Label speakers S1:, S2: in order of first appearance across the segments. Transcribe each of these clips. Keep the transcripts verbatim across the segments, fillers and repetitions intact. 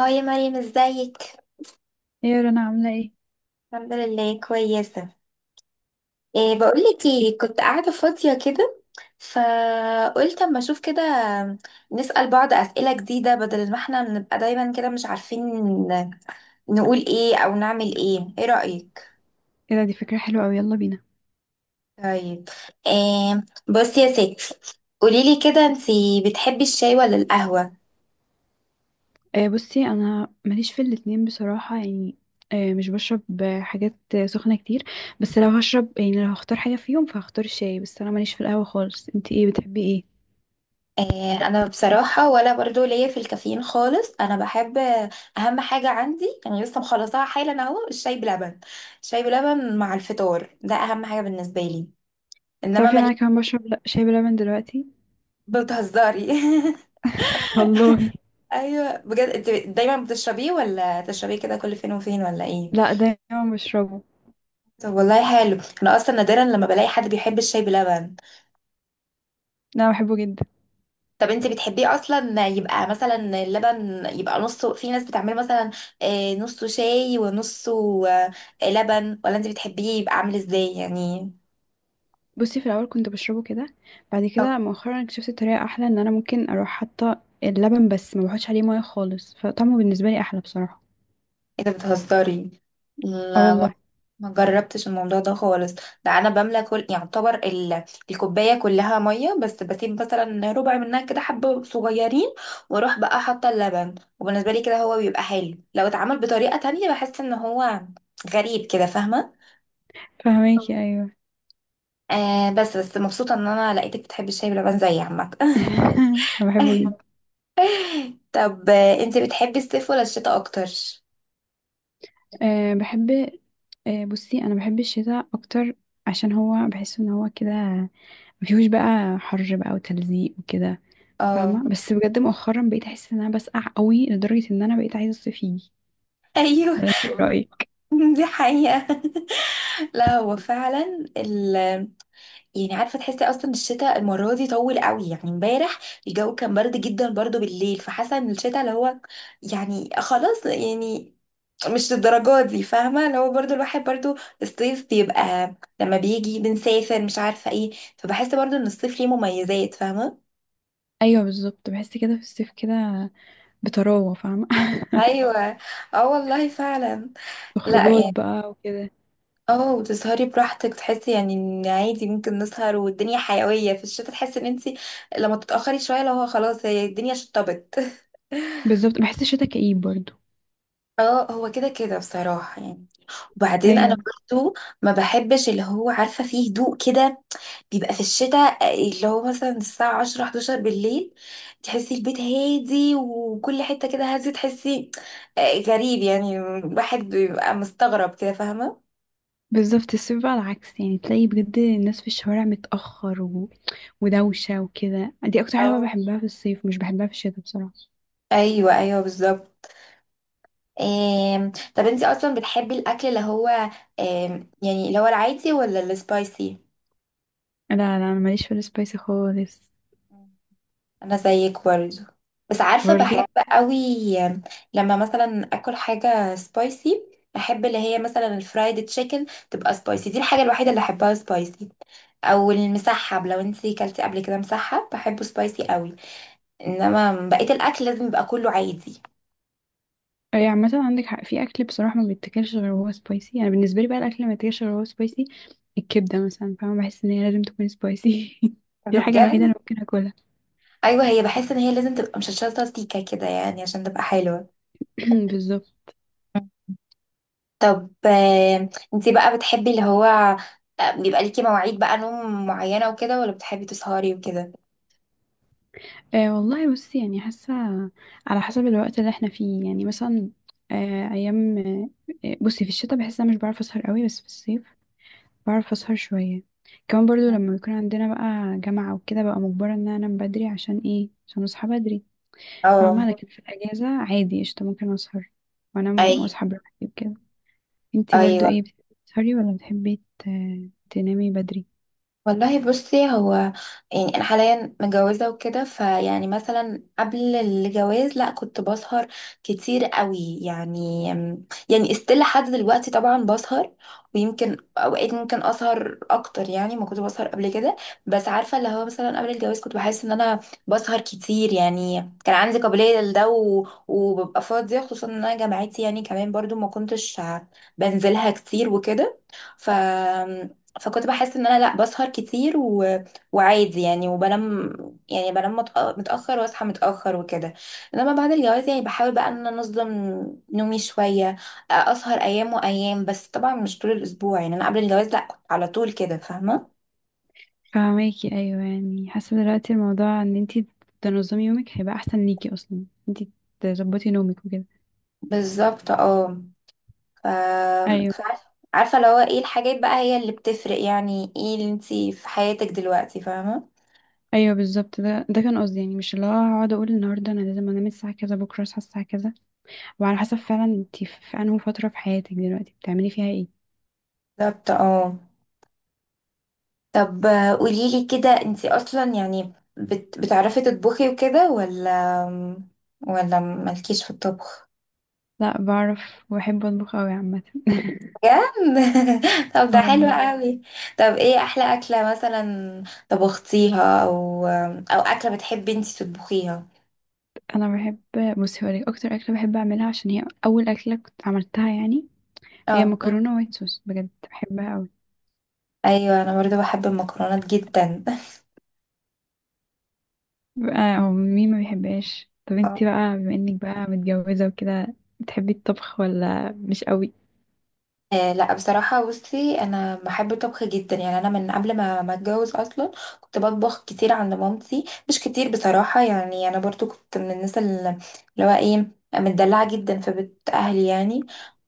S1: اه يا مريم، ازيك؟
S2: يا رنا عاملة ايه؟
S1: الحمد لله كويسه. إيه، بقولك ايه، كنت قاعده فاضيه كده، فقلت اما اشوف كده، نسأل بعض اسئله جديده بدل ما احنا بنبقى دايما كده مش عارفين نقول ايه او نعمل ايه. ايه رأيك؟
S2: ايه ده، دي فكرة حلوة اوي، يلا بينا.
S1: طيب. إيه، بصي يا ستي، قوليلي كده، انتي بتحبي الشاي ولا القهوه؟
S2: آه بصي انا ماليش في الاتنين بصراحة، يعني آه مش بشرب آه، حاجات آه، سخنة كتير. بس لو هشرب، يعني لو هختار حاجة فيهم فهختار الشاي، بس انا ماليش في القهوة خالص. انتي ايه بتحبي ايه؟
S1: آه، انا بصراحه ولا برضو ليا في الكافيين خالص. انا بحب، آه، اهم حاجه عندي يعني لسه مخلصاها حالا اهو، الشاي بلبن. الشاي بلبن مع الفطار ده اهم حاجه بالنسبه لي. انما
S2: تعرفي ان
S1: مالي.
S2: انا كمان بشرب لا شاي بلبن دلوقتي.
S1: بتهزري؟
S2: والله.
S1: ايوه، بجد، انت دايما بتشربيه ولا تشربيه كده كل فين وفين ولا ايه؟
S2: لا دايما بشربه.
S1: طب والله حلو، انا اصلا نادرا لما بلاقي حد بيحب الشاي بلبن.
S2: لا بحبه جدا.
S1: طب انت بتحبيه اصلا يبقى مثلا اللبن يبقى نصه، في ناس بتعمله مثلا آه، نصه شاي ونصه آه، لبن، ولا انت بتحبيه يبقى عامل ازاي يعني؟
S2: بصي في الاول كنت بشربه كده، بعد
S1: طب
S2: كده مؤخرا اكتشفت طريقة احلى، ان انا ممكن اروح حاطة اللبن بس ما بحطش عليه ميه خالص، فطعمه بالنسبة لي احلى بصراحة.
S1: ايه ده، بتهزري؟
S2: اه
S1: لا، ما
S2: والله.
S1: ما جربتش الموضوع ده خالص. ده انا بملى كل، يعتبر ال... الكوبايه كلها ميه، بس بسيب مثلا ربع منها كده حبه صغيرين، واروح بقى حاطه اللبن. وبالنسبه لي كده هو بيبقى حلو. لو اتعمل بطريقه تانية بحس ان هو غريب كده، فاهمه؟
S2: فهماكي، ايوه.
S1: آه، بس بس مبسوطة ان انا لقيتك بتحبي الشاي بلبن زي عمك.
S2: انا بحبه جدا.
S1: طب آه، انتي بتحبي الصيف ولا الشتاء اكتر؟
S2: أه بحب. أه بصي انا بحب الشتاء اكتر، عشان هو بحس ان هو كده مفيهوش بقى حر بقى وتلزيق وكده،
S1: اه،
S2: فاهمه؟ بس بجد مؤخرا بقيت احس ان انا بسقع قوي لدرجه ان انا بقيت عايزه الصيف يجي.
S1: ايوه.
S2: ولا انت ايه رايك؟
S1: دي حقيقة. لا هو فعلا ال يعني عارفة، تحسي اصلا الشتاء المرة دي طول قوي يعني. امبارح الجو كان برد جدا برضو بالليل، فحاسة ان الشتاء اللي هو يعني خلاص يعني، مش للدرجة دي، فاهمة؟ اللي هو برضو الواحد برضو الصيف بيبقى لما بيجي بنسافر مش عارفة ايه، فبحس برضو ان الصيف ليه مميزات، فاهمة؟
S2: ايوه بالظبط، بحس كده في الصيف كده بطراوه، فاهمه؟
S1: ايوه، اه والله فعلا. لا
S2: خروجات
S1: يعني
S2: بقى وكده.
S1: اه، وتسهري براحتك، تحسي يعني ان عادي ممكن نسهر والدنيا حيوية. في الشتا تحسي ان انتي لما تتأخري شوية لو هو خلاص، هي الدنيا شطبت.
S2: بالظبط، بحس الشتاء كئيب برضو.
S1: اه، هو كده كده بصراحة يعني. وبعدين انا
S2: ايوه
S1: برضو ما بحبش اللي هو، عارفه، فيه هدوء كده بيبقى في الشتاء، آه، اللي هو مثلا الساعه عشرة احدعشر بالليل، تحسي البيت هادي وكل حته كده هادي، تحسي آه، غريب يعني، واحد بيبقى مستغرب كده، فاهمه؟
S2: بالظبط، الصيف بقى العكس، يعني تلاقي بجد الناس في الشوارع متأخر و... ودوشة وكده، دي أكتر حاجة بقى
S1: اه،
S2: بحبها في الصيف، مش بحبها في الشتاء بصراحة.
S1: ايوه ايوه بالظبط. آم، طب انتي اصلا بتحبي الاكل اللي هو آم، يعني اللي هو العادي ولا السبايسي؟
S2: لا لا، أنا ماليش في السبايسي خالص.
S1: انا زيك برضو، بس عارفه بحب
S2: برضو.
S1: قوي لما مثلا اكل حاجه سبايسي. بحب اللي هي مثلا الفرايد تشيكن تبقى سبايسي، دي الحاجه الوحيده اللي احبها سبايسي، او المسحب، لو انتي كلتي قبل كده مسحب بحبه سبايسي قوي، انما بقيه الاكل لازم يبقى كله عادي.
S2: أي عامة عندك حق، في أكل بصراحة ما بيتاكلش غير وهو سبايسي. أنا بالنسبة لي بقى، الأكل اللي ما بيتاكلش غير وهو سبايسي الكبدة مثلا، فاهمة؟ بحس إن هي لازم تكون سبايسي. دي
S1: ده
S2: الحاجة الوحيدة اللي
S1: بجد؟
S2: ممكن أكلها.
S1: ايوه، هي بحس ان هي لازم تبقى مشطشطه سيكه كده يعني عشان تبقى حلوه.
S2: بالظبط.
S1: طب آه، انتي بقى بتحبي اللي هو آه، بيبقى ليكي مواعيد بقى نوم معينه وكده، ولا بتحبي تسهري وكده؟
S2: آه والله بصي، يعني حاسة على حسب الوقت اللي احنا فيه، يعني مثلا آه أيام، آه بصي في الشتاء بحس إن أنا مش بعرف أسهر قوي، بس في الصيف بعرف اسهر شوية. كمان برضو لما بيكون عندنا بقى جامعة وكده، بقى مجبرة ان انا انام بدري عشان ايه، عشان اصحى بدري،
S1: اه
S2: فاهمة؟ لكن في الاجازة عادي قشطة، ممكن اسهر وانام
S1: ايوه
S2: واصحى براحتي وكده. انتي برضو
S1: ايوه.
S2: ايه، بتحبي تسهري ولا بتحبي ت- تنامي بدري؟
S1: والله بصي هو يعني انا حاليا متجوزه وكده، فيعني مثلا قبل الجواز لا، كنت بسهر كتير قوي يعني. يعني استيل لحد دلوقتي طبعا بسهر، ويمكن اوقات ممكن اسهر اكتر يعني ما كنت بسهر قبل كده. بس عارفه اللي هو مثلا قبل الجواز كنت بحس ان انا بسهر كتير يعني، كان عندي قابليه لده و- وببقى فاضيه، خصوصا ان انا جامعتي يعني كمان برضو ما كنتش بنزلها كتير وكده. ف فكنت بحس ان انا لا بسهر كتير و... وعادي يعني وبنام يعني. بنام متأ- متاخر واصحى متاخر وكده. انما بعد الجواز يعني بحاول بقى ان انا انظم نومي شويه، اسهر ايام وايام، بس طبعا مش طول الاسبوع يعني. انا قبل الجواز لا كنت على طول كده، فاهمه؟
S2: فاهماكي، ايوه. يعني حاسة دلوقتي الموضوع ان انتي تنظمي يومك هيبقى احسن ليكي، اصلا انتي تظبطي نومك وكده.
S1: بالظبط اه. ف...
S2: ايوه
S1: فعارفه، عارفة اللي هو ايه الحاجات بقى هي اللي بتفرق يعني، ايه اللي انتي في حياتك دلوقتي، فاهمه؟
S2: ايوه بالظبط، ده ده كان قصدي، يعني مش اللي هو هقعد اقول النهارده انا لازم انام الساعه كذا، بكره اصحى الساعه كذا، وعلى حسب فعلا انتي في في انهي فترة في حياتك دلوقتي بتعملي فيها ايه.
S1: بالظبط اه. طب قولي لي كده، انتي اصلا يعني بت... بتعرفي تطبخي وكده، ولا ولا مالكيش في الطبخ؟
S2: لا بعرف وبحب اطبخ اوي عامة.
S1: بجد؟ طب ده
S2: آه
S1: حلو
S2: والله.
S1: قوي. طب ايه احلى اكله مثلا طبختيها، او او اكله بتحبي انتي تطبخيها؟
S2: انا بحب، بصي هقولك اكتر اكلة بحب اعملها، عشان هي اول اكلة كنت عملتها يعني، هي
S1: اه
S2: مكرونة وايت صوص، بجد بحبها اوي.
S1: ايوه، انا برضو بحب المكرونات جدا.
S2: بقى هو مين ما بيحبهاش؟ طب انتي بقى بما انك بقى متجوزة وكده، بتحبي الطبخ ولا مش قوي؟
S1: آه لا، بصراحة بصي، أنا بحب الطبخ جدا يعني. أنا من قبل ما ما أتجوز أصلا كنت بطبخ كتير عند مامتي، مش كتير بصراحة يعني. أنا برضو كنت من الناس اللي اللي هو إيه، متدلعة جدا في بيت أهلي يعني.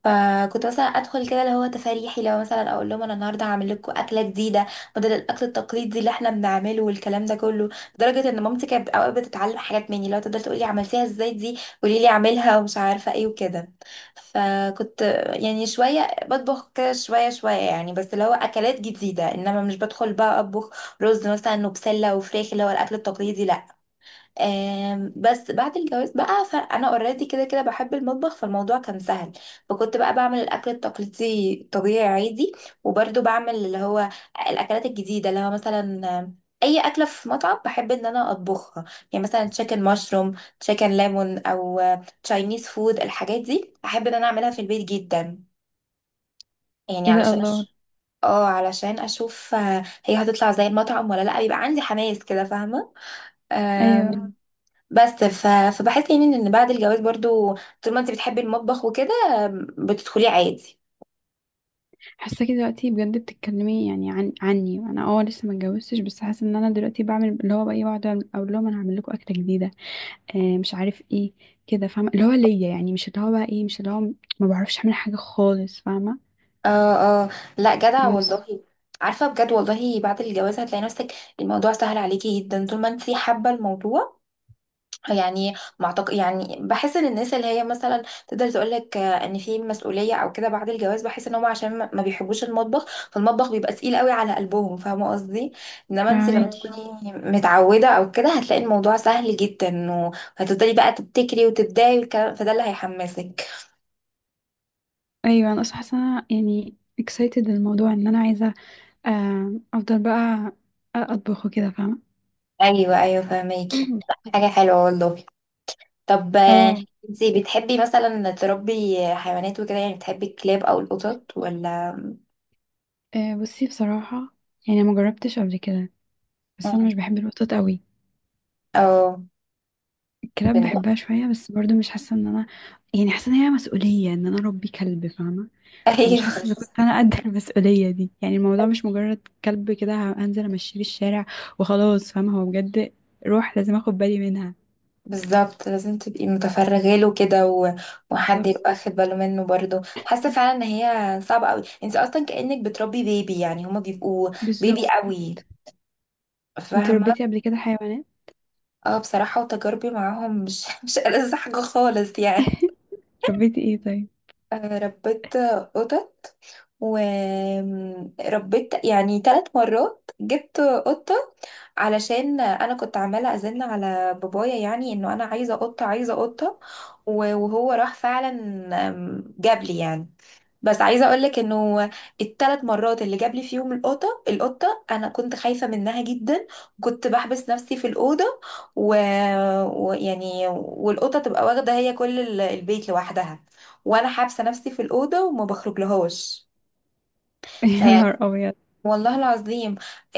S1: فكنت مثلا أدخل كده اللي هو تفاريحي، لو مثلا أقول لهم أنا النهاردة هعمل لكم أكلة جديدة بدل الأكل التقليدي اللي إحنا بنعمله والكلام ده كله. لدرجة إن مامتي كانت أوقات بتتعلم حاجات مني، لو تقدر تقولي عملتيها إزاي دي، قولي لي أعملها، ومش عارفة إيه وكده. فكنت يعني شوية بطبخ كده شوية شوية يعني، بس اللي هو أكلات جديدة، إنما مش بدخل بقى أطبخ رز مثلا وبسلة وفراخ اللي هو الأكل التقليدي، لأ. آم، بس بعد الجواز بقى فأنا أوريدي كده كده بحب المطبخ، فالموضوع كان سهل. فكنت بقى بعمل الأكل التقليدي طبيعي عادي، وبرده بعمل اللي هو الأكلات الجديدة اللي هو مثلا آم، أي أكلة في مطعم بحب إن أنا أطبخها. يعني مثلا تشيكن مشروم، تشيكن ليمون، أو تشاينيز فود، الحاجات دي أحب إن أنا أعملها في البيت جدا، يعني
S2: ايه ده،
S1: علشان
S2: الله!
S1: أش- اه علشان اشوف آه، هي هتطلع زي المطعم ولا لا، بيبقى عندي حماس كده، فاهمه؟ آم،
S2: ايوه،
S1: مم. بس ف... فبحس يعني ان بعد الجواز برضو طول ما انت بتحبي المطبخ وكده آم، بتدخلي عادي.
S2: حاساكي دلوقتي بجد بتتكلمي يعني عن عني، انا اه لسه ما اتجوزتش، بس حاسه ان انا دلوقتي بعمل اللي هو بقى ايه، بقعد أعمل- اقول لهم انا هعمل لكم اكله جديده، آه مش عارف ايه كده، فاهمه؟ اللي هو ليا، يعني مش اللي هو بقى ايه، مش اللي هو ما بعرفش اعمل حاجه خالص، فاهمه؟
S1: اه اه، لا جدع
S2: بس
S1: والله. عارفه بجد والله، بعد الجواز هتلاقي نفسك الموضوع سهل عليكي جدا طول ما انت حابه الموضوع. يعني ما أعتق- يعني بحس ان الناس اللي هي مثلا تقدر تقول لك ان في مسؤوليه او كده بعد الجواز، بحس ان هم عشان ما ما بيحبوش المطبخ، فالمطبخ بيبقى تقيل قوي على قلبهم، فاهمه قصدي؟ انما انت لما
S2: فاهماكي،
S1: تكوني مم. متعوده او كده هتلاقي الموضوع سهل جدا، وهتفضلي بقى تبتكري وتبدعي والكلام، فده اللي هيحمسك.
S2: ايوه. انا اصلا حاسه إن أنا يعني excited الموضوع، ان انا عايزه آه افضل بقى اطبخ وكده، فاهمه؟
S1: ايوه ايوه فاهماكي. حاجه حلوه والله. طب آه،
S2: اه.
S1: انتي بتحبي مثلا تربي حيوانات وكده، يعني بتحبي الكلاب او القطط ولا؟
S2: آه، بصي بصراحه يعني ما جربتش قبل كده، بس
S1: مم.
S2: انا مش بحب الوطاط قوي.
S1: او
S2: كلاب
S1: بن-
S2: بحبها شوية بس برضو مش حاسة ان انا، يعني حاسة ان هي مسؤولية ان انا اربي كلب، فاهمة؟ فمش
S1: ايوه
S2: حاسة اذا كنت انا قد المسؤولية دي، يعني الموضوع مش مجرد كلب كده هنزل امشيه في الشارع وخلاص، فاهمة؟ هو بجد روح، لازم اخد بالي منها.
S1: بالظبط، لازم تبقي متفرغه له كده و... وحد
S2: بالظبط.
S1: يبقى واخد باله منه برضه، حاسه فعلا ان هي صعبه قوي. انت اصلا كانك بتربي بيبي يعني، هما بيبقوا
S2: بالظبط.
S1: بيبي قوي،
S2: انتي
S1: فاهمه؟
S2: ربيتي قبل كده حيوانات؟
S1: اه بصراحه وتجاربي معاهم مش مش ألذ حاجه خالص يعني.
S2: ربيتي ايه طيب؟
S1: آه، ربيت قطط، وربيت يعني ثلاث مرات جبت قطة، علشان انا كنت عمالة ازن على بابايا يعني انه انا عايزة قطة، عايزة قطة، و- وهو راح فعلا آم، جاب لي يعني. بس عايزه اقولك انه الثلاث مرات اللي جاب لي فيهم القطه القطه انا كنت خايفه منها جدا، كنت بحبس نفسي في الاوضه، ويعني و... ويعني- والقطه تبقى واخده هي كل ال- البيت لوحدها، وانا حابسه نفسي في الاوضه وما بخرج لهاش.
S2: يا
S1: فيعني،
S2: نهار ابيض!
S1: والله العظيم،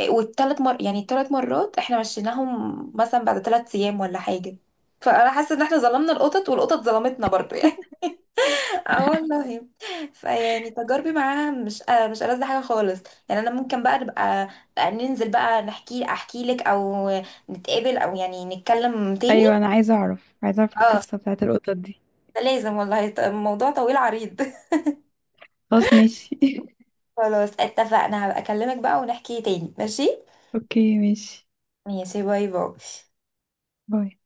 S1: والثلاث مر يعني الثلاث مرات احنا مشيناهم مثلا بعد ثلاث ايام ولا حاجه. فانا حاسه ان احنا ظلمنا القطط والقطط ظلمتنا برضو. اه والله. فيعني تجاربي معاها مش آه مش ألذ حاجه خالص يعني. انا ممكن بقى نبقى بقى ننزل بقى نحكي، احكي لك او نتقابل او يعني نتكلم تاني.
S2: ايوه انا عايزة اعرف، عايزة اعرف
S1: اه،
S2: القصة بتاعت القطط دي.
S1: ده لازم والله. ط- الموضوع طويل عريض.
S2: خلاص ماشي.
S1: خلاص اتفقنا، هبقى اكلمك بقى ونحكي تاني. ماشي.
S2: اوكي ماشي،
S1: ماشي، باي باي.
S2: باي.